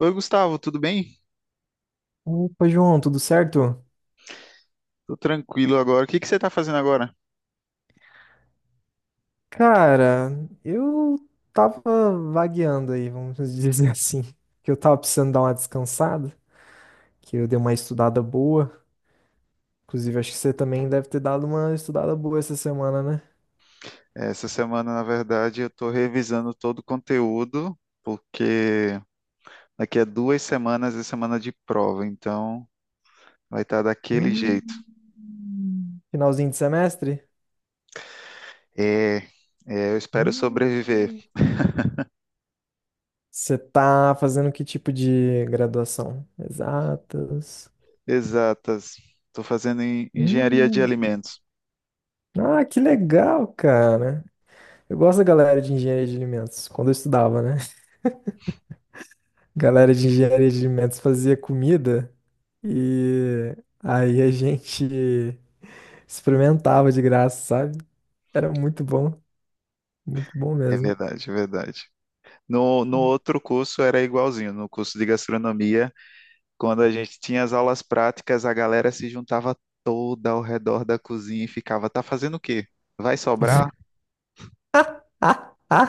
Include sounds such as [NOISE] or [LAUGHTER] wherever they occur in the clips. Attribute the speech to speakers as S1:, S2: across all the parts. S1: Oi, Gustavo, tudo bem?
S2: Opa, João, tudo certo?
S1: Tô tranquilo agora. O que que você está fazendo agora?
S2: Cara, eu tava vagueando aí, vamos dizer [LAUGHS] assim, que eu tava precisando dar uma descansada, que eu dei uma estudada boa. Inclusive, acho que você também deve ter dado uma estudada boa essa semana, né?
S1: Essa semana, na verdade, eu estou revisando todo o conteúdo, porque daqui a 2 semanas é semana de prova, então vai estar daquele jeito.
S2: Hum. Finalzinho de semestre?
S1: É, é, eu espero sobreviver.
S2: Hum. Você tá fazendo que tipo de graduação? Exatas.
S1: Exatas. Estou fazendo engenharia de
S2: Hum.
S1: alimentos.
S2: Ah, que legal, cara. Eu gosto da galera de engenharia de alimentos, quando eu estudava, né? Galera de engenharia de alimentos fazia comida e aí a gente [LAUGHS] experimentava de graça, sabe? Era muito bom
S1: É
S2: mesmo.
S1: verdade, é verdade. No outro curso era igualzinho, no curso de gastronomia. Quando a gente tinha as aulas práticas, a galera se juntava toda ao redor da cozinha e ficava, tá fazendo o quê? Vai sobrar?
S2: [LAUGHS]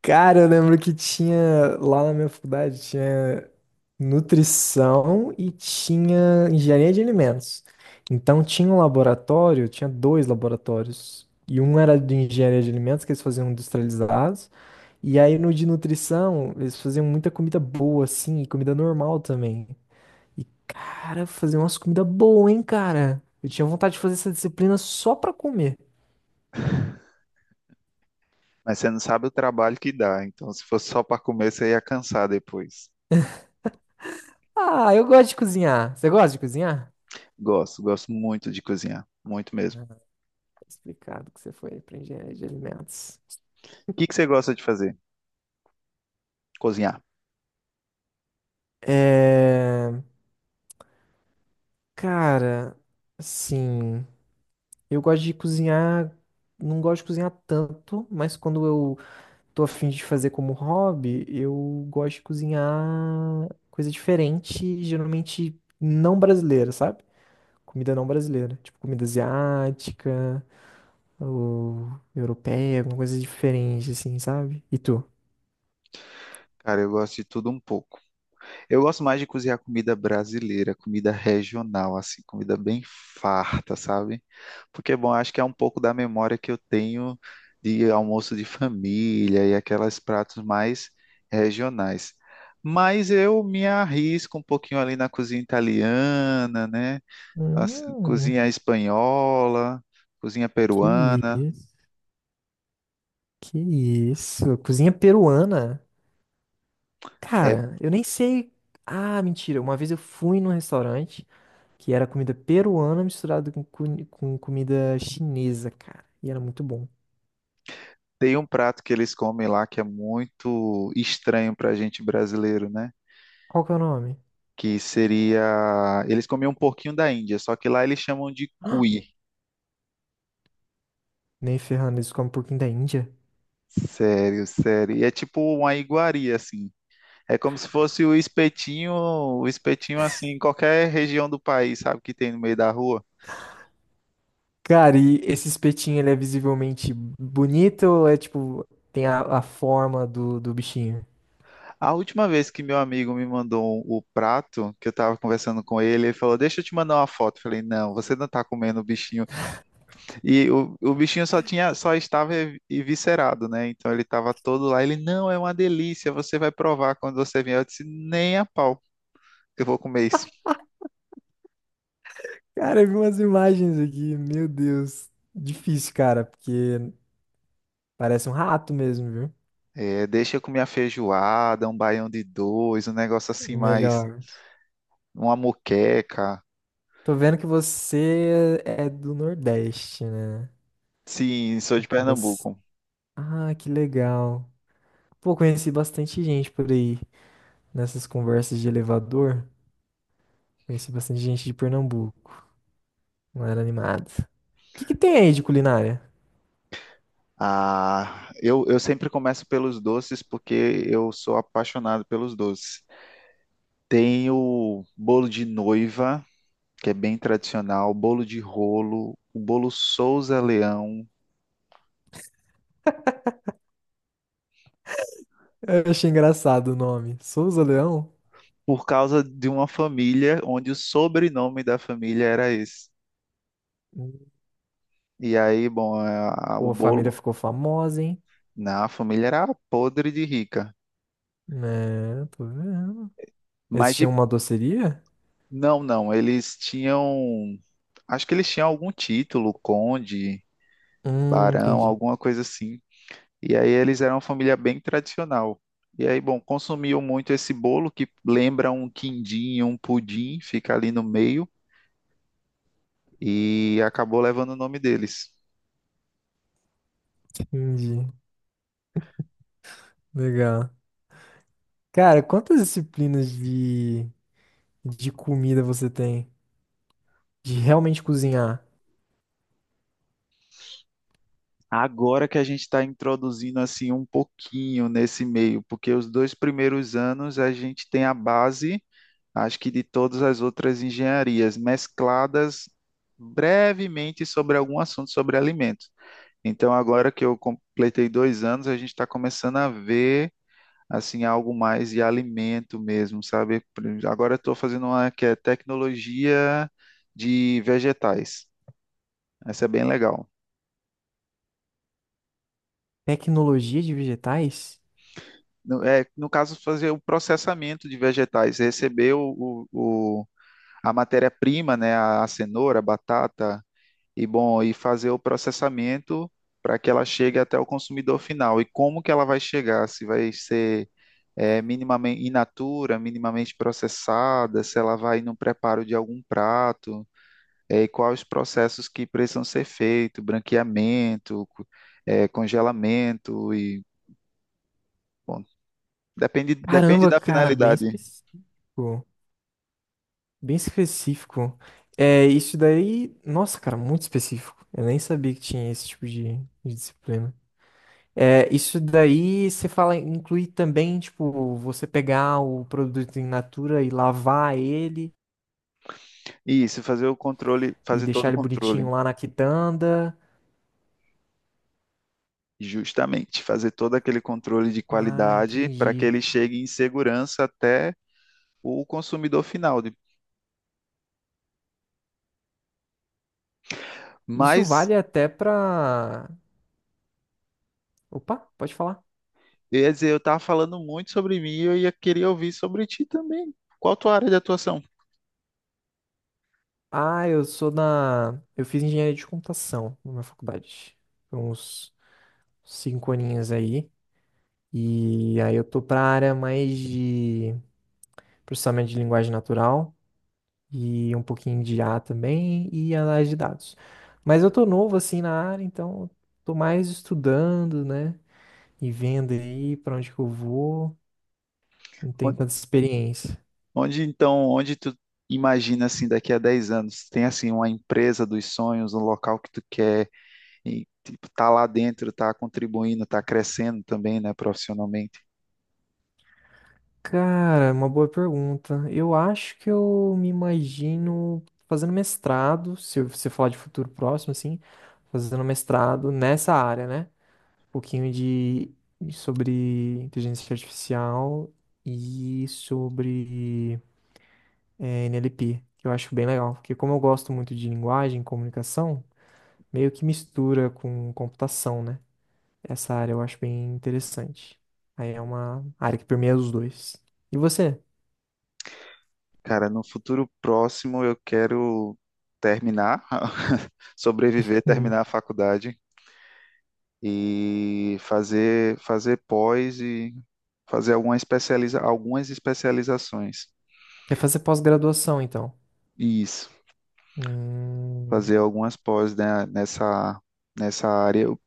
S2: Cara, eu lembro que tinha lá na minha faculdade, tinha nutrição e tinha engenharia de alimentos. Então tinha um laboratório, tinha dois laboratórios. E um era de engenharia de alimentos, que eles faziam industrializados. E aí no de nutrição, eles faziam muita comida boa, assim, e comida normal também. E, cara, faziam umas comidas boas, hein, cara? Eu tinha vontade de fazer essa disciplina só pra comer.
S1: Mas você não sabe o trabalho que dá. Então, se fosse só para comer, você ia cansar depois.
S2: Ah, eu gosto de cozinhar. Você gosta de cozinhar? Tá
S1: Gosto, gosto muito de cozinhar, muito mesmo. O
S2: explicado que você foi pra engenharia de alimentos.
S1: que que você gosta de fazer? Cozinhar.
S2: É... Cara, assim, eu gosto de cozinhar, não gosto de cozinhar tanto, mas quando eu tô afim de fazer como hobby, eu gosto de cozinhar coisa diferente, geralmente não brasileira, sabe? Comida não brasileira, tipo comida asiática ou europeia, alguma coisa diferente, assim, sabe? E tu?
S1: Cara, eu gosto de tudo um pouco. Eu gosto mais de cozinhar comida brasileira, comida regional, assim, comida bem farta, sabe? Porque, bom, acho que é um pouco da memória que eu tenho de almoço de família e aqueles pratos mais regionais. Mas eu me arrisco um pouquinho ali na cozinha italiana, né? Assim,
S2: Hum,
S1: cozinha espanhola, cozinha
S2: que
S1: peruana.
S2: isso, que isso, cozinha peruana.
S1: É,
S2: Cara, eu nem sei. Ah, mentira. Uma vez eu fui num restaurante que era comida peruana misturada com, com comida chinesa, cara. E era muito bom.
S1: tem um prato que eles comem lá que é muito estranho para a gente brasileiro, né?
S2: Qual que é o nome?
S1: Que seria. Eles comiam um porquinho da Índia, só que lá eles chamam de cuy.
S2: Nem ferrando, eles comem porquinho da Índia.
S1: Sério, sério. E é tipo uma iguaria, assim. É como se fosse o espetinho assim, em qualquer região do país, sabe, que tem no meio da rua.
S2: Cara, e esse espetinho, ele é visivelmente bonito ou é tipo, tem a forma do bichinho?
S1: A última vez que meu amigo me mandou um, o prato, que eu tava conversando com ele, ele falou: Deixa eu te mandar uma foto. Eu falei: Não, você não tá comendo o bichinho. E o bichinho só tinha, só estava eviscerado, né? Então ele estava todo lá. Ele, não, é uma delícia, você vai provar quando você vier. Eu disse, nem a pau, eu vou comer isso.
S2: Cara, eu vi umas imagens aqui, meu Deus. Difícil, cara, porque parece um rato mesmo, viu?
S1: É, deixa eu comer a feijoada, um baião de dois, um negócio assim mais,
S2: Melhor.
S1: uma moqueca.
S2: Tô vendo que você é do Nordeste, né?
S1: Sim, sou de
S2: Você...
S1: Pernambuco.
S2: Ah, que legal. Pô, conheci bastante gente por aí nessas conversas de elevador. Conheci bastante gente de Pernambuco. Não era animado. O que que tem aí de culinária?
S1: Ah, eu sempre começo pelos doces porque eu sou apaixonado pelos doces. Tem o bolo de noiva que é bem tradicional, bolo de rolo, o bolo Souza Leão,
S2: Eu achei engraçado o nome. Souza Leão?
S1: por causa de uma família onde o sobrenome da família era esse.
S2: Hum.
S1: E aí, bom, o
S2: Pô, a família
S1: bolo
S2: ficou famosa, hein?
S1: na família era podre de rica.
S2: É, tô vendo. Eles
S1: Mas de,
S2: tinham uma doceria?
S1: não, não, eles tinham, acho que eles tinham algum título, conde, barão,
S2: Entendi.
S1: alguma coisa assim. E aí eles eram uma família bem tradicional. E aí, bom, consumiam muito esse bolo que lembra um quindim, um pudim, fica ali no meio e acabou levando o nome deles.
S2: Entendi. Legal. Cara, quantas disciplinas de comida você tem? De realmente cozinhar?
S1: Agora que a gente está introduzindo assim um pouquinho nesse meio, porque os 2 primeiros anos a gente tem a base, acho que de todas as outras engenharias, mescladas brevemente sobre algum assunto sobre alimentos. Então, agora que eu completei 2 anos, a gente está começando a ver assim algo mais de alimento mesmo, sabe? Agora estou fazendo uma que é tecnologia de vegetais. Essa é bem legal.
S2: Tecnologia de vegetais?
S1: No, é, no caso, fazer o processamento de vegetais, receber a matéria-prima, né, a cenoura, a batata, e bom, e fazer o processamento para que ela chegue até o consumidor final. E como que ela vai chegar? Se vai ser é, minimamente in natura, minimamente processada, se ela vai no preparo de algum prato, é, e quais os processos que precisam ser feitos, branqueamento, é, congelamento e bom, depende, depende
S2: Caramba,
S1: da
S2: cara, bem
S1: finalidade.
S2: específico. Bem específico. É, isso daí. Nossa, cara, muito específico. Eu nem sabia que tinha esse tipo de disciplina. É, isso daí você fala, inclui também, tipo, você pegar o produto in natura e lavar ele
S1: Isso, fazer o controle,
S2: e
S1: fazer todo
S2: deixar
S1: o
S2: ele
S1: controle,
S2: bonitinho lá na quitanda.
S1: justamente, fazer todo aquele controle de
S2: Ah,
S1: qualidade para que
S2: entendi.
S1: ele chegue em segurança até o consumidor final.
S2: Isso
S1: Mas,
S2: vale até pra. Opa, pode falar.
S1: eu ia dizer, eu estava falando muito sobre mim e eu ia querer ouvir sobre ti também. Qual a tua área de atuação?
S2: Ah, eu sou da. Eu fiz engenharia de computação na minha faculdade. Foi uns cinco aninhos aí. E aí eu tô pra área mais de processamento de linguagem natural e um pouquinho de IA também e análise de dados. Mas eu tô novo assim na área, então eu tô mais estudando, né? E vendo aí pra onde que eu vou. Não tenho
S1: Onde,
S2: tanta experiência.
S1: onde, então, onde tu imagina assim daqui a 10 anos? Tem assim uma empresa dos sonhos, um local que tu quer e tipo, tá lá dentro, tá contribuindo, tá crescendo também, né, profissionalmente?
S2: Cara, é uma boa pergunta. Eu acho que eu me imagino fazendo mestrado, se você falar de futuro próximo, assim, fazendo mestrado nessa área, né? Um pouquinho de sobre inteligência artificial e sobre NLP, que eu acho bem legal, porque como eu gosto muito de linguagem, e comunicação, meio que mistura com computação, né? Essa área eu acho bem interessante. Aí é uma área que permeia os dois. E você?
S1: Cara, no futuro próximo eu quero terminar, [LAUGHS] sobreviver, terminar a faculdade e fazer pós e fazer algumas especializações.
S2: Quer fazer pós-graduação, então.
S1: Isso,
S2: Hum,
S1: fazer algumas pós, né, nessa área.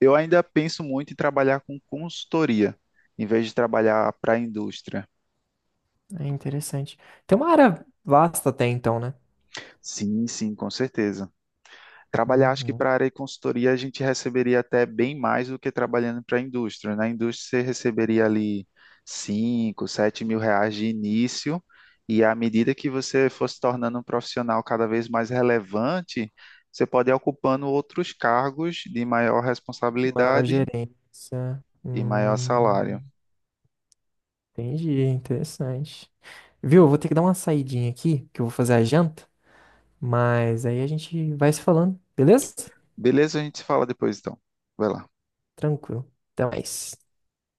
S1: Eu ainda penso muito em trabalhar com consultoria, em vez de trabalhar para a indústria.
S2: é interessante. Tem uma área vasta até então, né?
S1: Sim, sim, com certeza. Trabalhar, acho que
S2: Uhum.
S1: para a área de consultoria a gente receberia até bem mais do que trabalhando para a indústria. Na indústria você receberia ali 5, 7 mil reais de início, e à medida que você fosse tornando um profissional cada vez mais relevante, você pode ir ocupando outros cargos de maior
S2: De maior
S1: responsabilidade
S2: gerência.
S1: e maior salário.
S2: Entendi, interessante. Viu? Eu vou ter que dar uma saidinha aqui, que eu vou fazer a janta, mas aí a gente vai se falando, beleza?
S1: Beleza? A gente se fala depois então. Vai lá.
S2: Tranquilo. Até mais.